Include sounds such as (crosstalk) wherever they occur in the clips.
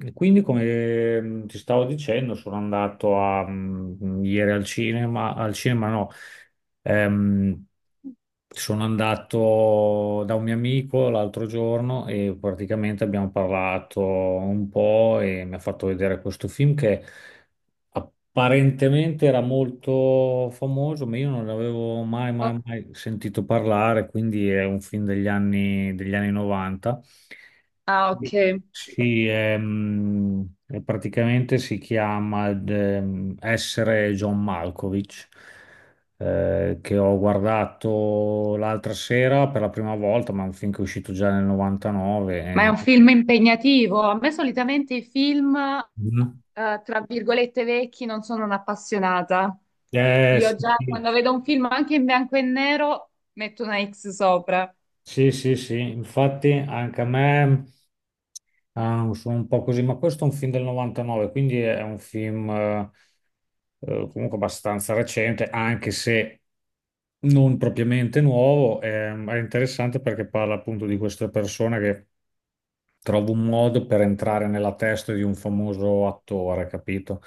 E quindi, come ti stavo dicendo, sono andato ieri al cinema no, Ehm, sono andato da un mio amico l'altro giorno e praticamente abbiamo parlato un po' e mi ha fatto vedere questo film che apparentemente era molto famoso, ma io non l'avevo mai, Oh, mai, mai sentito parlare, quindi è un film degli anni 90. ah, ok. Sì, è praticamente si chiama Essere John Malkovich, che ho guardato l'altra sera per la prima volta, ma è un film che è uscito già nel 99. Ma è un Eh. film impegnativo. A me solitamente i film, Mhm. Tra virgolette, vecchi non sono un'appassionata. Sì, Io già sì, quando vedo un film anche in bianco e nero metto una X sopra. sì, sì, sì. Infatti anche a me ah, sono un po' così, ma questo è un film del 99, quindi è un film, comunque abbastanza recente, anche se non propriamente nuovo. È interessante perché parla appunto di questa persona che trova un modo per entrare nella testa di un famoso attore, capito?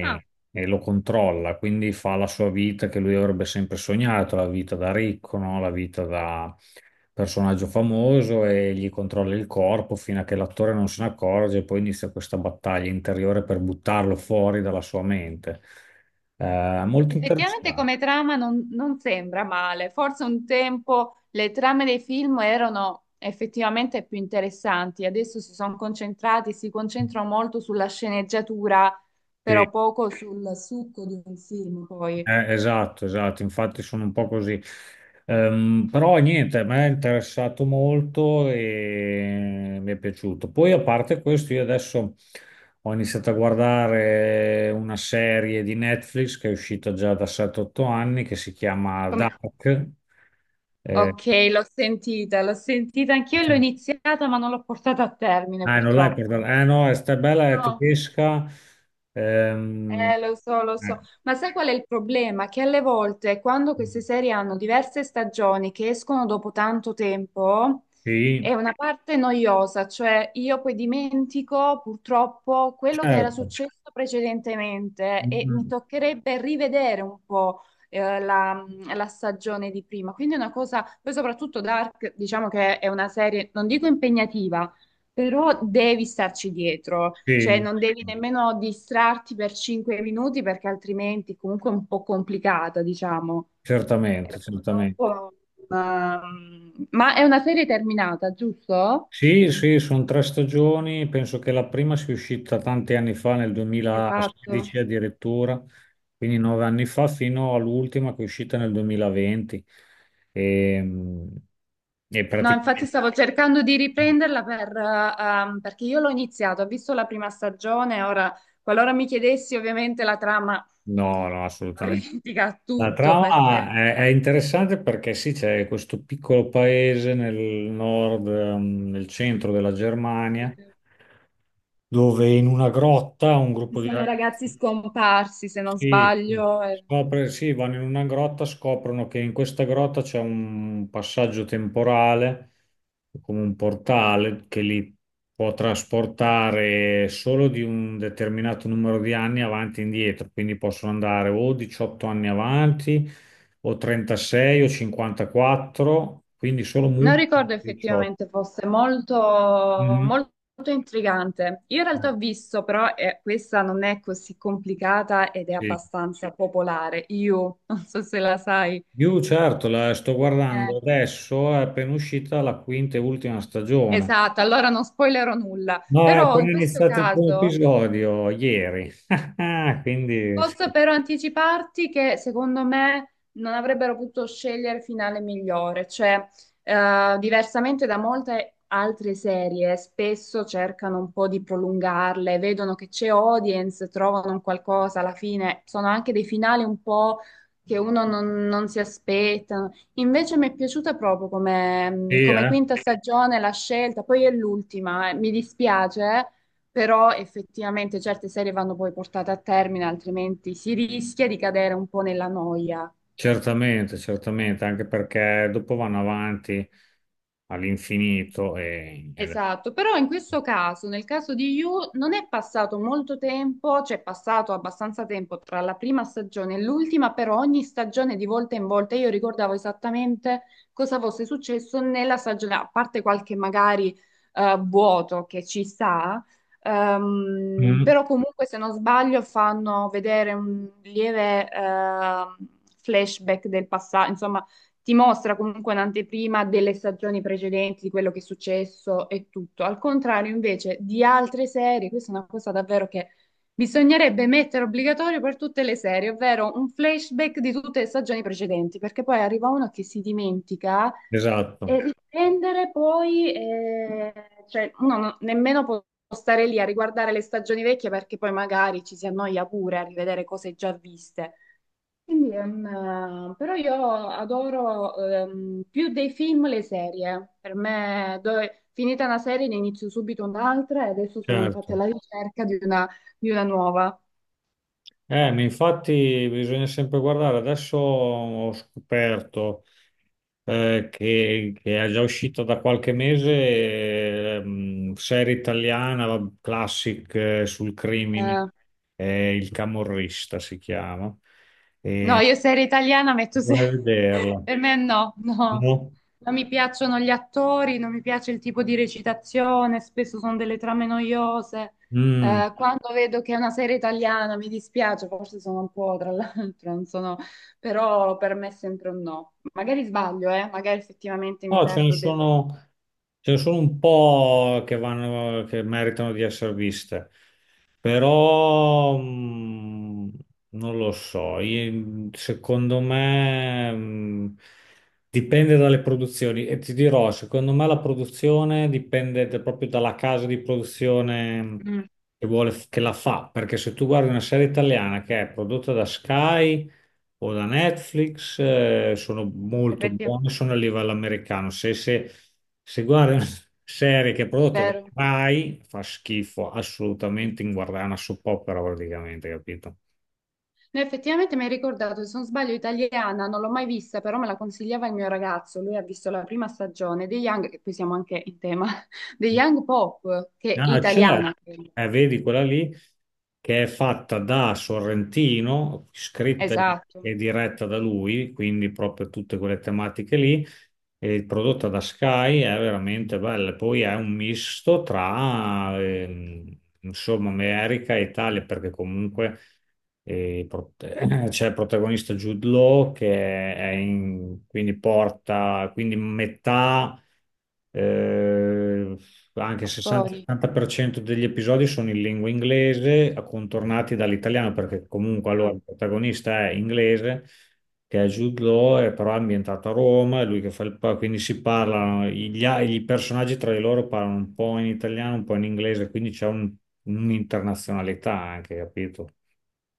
Ah, e lo controlla, quindi fa la sua vita che lui avrebbe sempre sognato, la vita da ricco, no? La vita da personaggio famoso e gli controlla il corpo fino a che l'attore non se ne accorge e poi inizia questa battaglia interiore per buttarlo fuori dalla sua mente. Molto effettivamente interessante. come trama non sembra male. Forse un tempo le trame dei film erano effettivamente più interessanti. Adesso si concentrano molto sulla sceneggiatura, Sì. però poco sul succo di un film poi. Esatto, esatto, infatti sono un po' così. Però niente, a me è interessato molto e mi è piaciuto. Poi a parte questo, io adesso ho iniziato a guardare una serie di Netflix che è uscita già da 7-8 anni che si chiama Come- Dark. Eh, Ok, l'ho sentita anch'io e l'ho iniziata, ma non l'ho portata a termine ah, non l'hai purtroppo. portata. Eh no, è sta bella, è No, tedesca. Ehm, eh, lo so, eh, ma sai qual è il problema? Che alle volte quando queste serie hanno diverse stagioni che escono dopo tanto tempo, è sì, una parte noiosa, cioè io poi dimentico purtroppo quello che era certo. successo Mm, precedentemente e mi mm, toccherebbe rivedere un po' eh, la, la stagione di prima. Quindi è una cosa, poi soprattutto Dark, diciamo che è una serie, non dico impegnativa, però devi starci dietro, cioè sì. non devi nemmeno distrarti per cinque minuti perché altrimenti comunque è un po' complicata, diciamo. E Certamente, certamente. purtroppo, ma è una serie terminata, giusto? Sì, sì, sono tre stagioni, penso che la prima sia uscita tanti anni fa, nel Esatto. 2016 addirittura, quindi nove anni fa, fino all'ultima che è uscita nel 2020. E, e No, infatti praticamente. stavo cercando di riprenderla per, perché io l'ho iniziato, ho visto la prima stagione, ora qualora mi chiedessi ovviamente la trama No, no, avrei assolutamente. dimenticato La tutto trama perché è interessante perché sì, c'è questo piccolo paese nel nord, nel centro della Germania, ci dove in una grotta un gruppo di sono ragazzi. ragazzi scomparsi, se non Sì, sì. sbaglio. Sì, vanno in una grotta, scoprono che in questa grotta c'è un passaggio temporale, come un portale che li può trasportare solo di un determinato numero di anni avanti e indietro, quindi possono andare o 18 anni avanti, o 36, o 54, quindi solo Non multipli ricordo di 18. effettivamente fosse molto, Mhm. molto intrigante. Io in Eh, realtà ho visto, però questa non è così complicata ed è sì. abbastanza popolare. Io, non so se la sai. Io certo, la sto Eh, guardando adesso, è appena uscita la quinta e ultima stagione. esatto, allora non spoilerò nulla. No, ho Però in appena questo iniziato il primo caso, episodio ieri, (laughs) quindi sì, posso però anticiparti che secondo me non avrebbero potuto scegliere finale migliore, cioè diversamente da molte altre serie, spesso cercano un po' di prolungarle, vedono che c'è audience, trovano un qualcosa alla fine, sono anche dei finali un po' che uno non si aspetta. Invece mi è piaciuta proprio come, sì, come eh? quinta stagione la scelta, poi è l'ultima, mi dispiace, però effettivamente certe serie vanno poi portate a termine, altrimenti si rischia di cadere un po' nella noia. Certamente, certamente, anche perché dopo vanno avanti all'infinito Esatto, però in questo caso, nel caso di You, non è passato molto tempo, cioè è passato abbastanza tempo tra la prima stagione e l'ultima, però ogni stagione di volta in volta io ricordavo esattamente cosa fosse successo nella stagione, a parte qualche magari vuoto che ci sta, Mm, però comunque se non sbaglio fanno vedere un lieve flashback del passato, ti mostra comunque un'anteprima delle stagioni precedenti, di quello che è successo e tutto. Al contrario, invece, di altre serie, questa è una cosa davvero che bisognerebbe mettere obbligatorio per tutte le serie, ovvero un flashback di tutte le stagioni precedenti, perché poi arriva uno che si dimentica esatto, e riprendere poi, cioè, uno non- nemmeno può stare lì a riguardare le stagioni vecchie perché poi magari ci si annoia pure a rivedere cose già viste. Quindi, però io adoro più dei film le serie. Per me, finita una serie, ne inizio subito un'altra e adesso sono infatti certo. alla ricerca di una nuova. Ma infatti bisogna sempre guardare, adesso ho scoperto che è già uscita da qualche mese, serie italiana, classic, sul crimine, Eh, Il Camorrista si chiama, No, e io serie italiana metto se... vorrei (laughs) vederla. Per me no, no. No? Non mi piacciono gli attori, non mi piace il tipo di recitazione, spesso sono delle trame noiose. Mm. Quando vedo che è una serie italiana mi dispiace, forse sono un po', tra l'altro, non sono... Però per me è sempre un no. Magari sbaglio, eh? Magari effettivamente mi No, ce ne perdo del... sono, ce ne sono un po' che vanno, che meritano di essere viste, però non lo so. Secondo me dipende dalle produzioni e ti dirò, secondo me la produzione dipende proprio dalla casa di produzione Mm, che vuole, che la fa, perché se tu guardi una serie italiana che è prodotta da Sky o da Netflix, sono molto effettivamente, buone, sono a livello americano. Se guardi una serie che è prodotta da vero. Rai, fa schifo, assolutamente inguardabile, una soap opera praticamente, capito? No, effettivamente mi hai ricordato, se non sbaglio, italiana, non l'ho mai vista, però me la consigliava il mio ragazzo. Lui ha visto la prima stagione dei Young, che qui siamo anche in tema, (laughs) dei Young Pop, che è Ah, italiana. certo. Ah, credo. Vedi quella lì che è fatta da Sorrentino, scritta Esatto, e diretta da lui, quindi proprio tutte quelle tematiche lì, e prodotta da Sky, è veramente bella. Poi è un misto tra, insomma, America e Italia, perché comunque eh, pro- (clears throat) c'è il protagonista Jude Law che quindi porta, quindi metà eh, anche il attori. 60-70% degli episodi sono in lingua inglese, accontornati dall'italiano, perché comunque allora Ah. il protagonista è inglese, che è Jude Law, è però ambientato a Roma, è lui che fa quindi si parlano, i personaggi tra di loro parlano un po' in italiano, un po' in inglese, quindi c'è un'internazionalità anche, capito?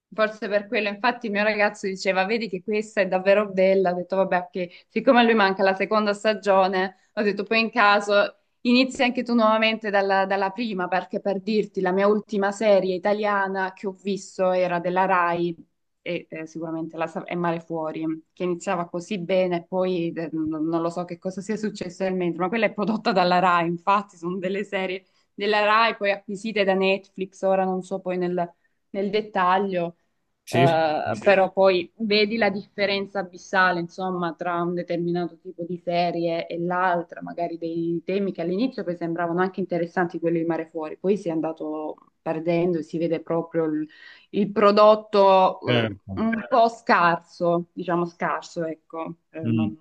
Forse per quello, infatti, il mio ragazzo diceva: vedi che questa è davvero bella. Ho detto: vabbè, che siccome a lui manca la seconda stagione, ho detto: poi in caso inizi anche tu nuovamente dalla prima, perché per dirti, la mia ultima serie italiana che ho visto era della Rai e è Mare Fuori, che iniziava così bene, poi non lo so che cosa sia successo nel mentre, ma quella è prodotta dalla Rai. Infatti, sono delle serie della Rai poi acquisite da Netflix. Ora non so poi nel dettaglio. Sì, sì, Sì. sì, Però poi vedi la differenza abissale, insomma, tra un determinato tipo di serie e l'altra, magari dei temi che all'inizio poi sembravano anche interessanti, quelli di Mare Fuori, poi si è andato perdendo e si vede proprio il prodotto certo. un po' scarso, diciamo scarso, ecco, Mm. non...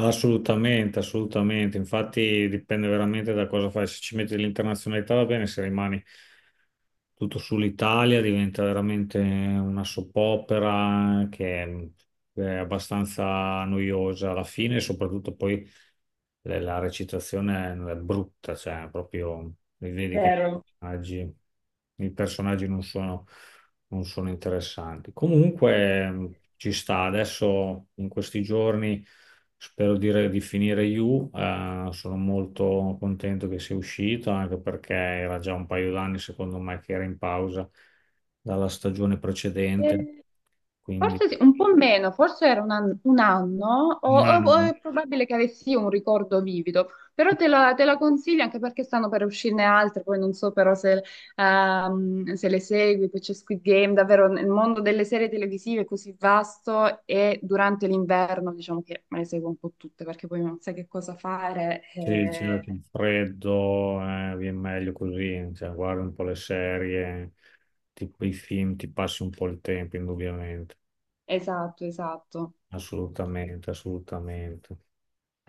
Assolutamente, assolutamente. Infatti dipende veramente da cosa fai. Se ci metti l'internazionalità va bene, se rimani tutto sull'Italia diventa veramente una soppopera che è abbastanza noiosa alla fine, e soprattutto poi la recitazione è brutta, cioè proprio li vedi che Vero. personaggi, i personaggi non sono interessanti. Comunque ci sta adesso in questi giorni. Spero di finire You, sono molto contento che sia uscito, anche perché era già un paio d'anni, secondo me, che era in pausa dalla stagione precedente. E Quindi forse sì, un po' meno, forse era un anno, un o anno, è probabile che avessi un ricordo vivido, però te la consiglio anche perché stanno per uscirne altre, poi non so però se, se le segui, poi c'è Squid Game, davvero nel mondo delle serie televisive è così vasto e durante l'inverno diciamo che me le seguo un po' tutte perché poi non sai che cosa fare. sì, c'è Eh, il freddo, vi è meglio così, cioè, guardi un po' le serie, tipo i film, ti passi un po' il tempo, indubbiamente. esatto, esatto. Assolutamente, assolutamente.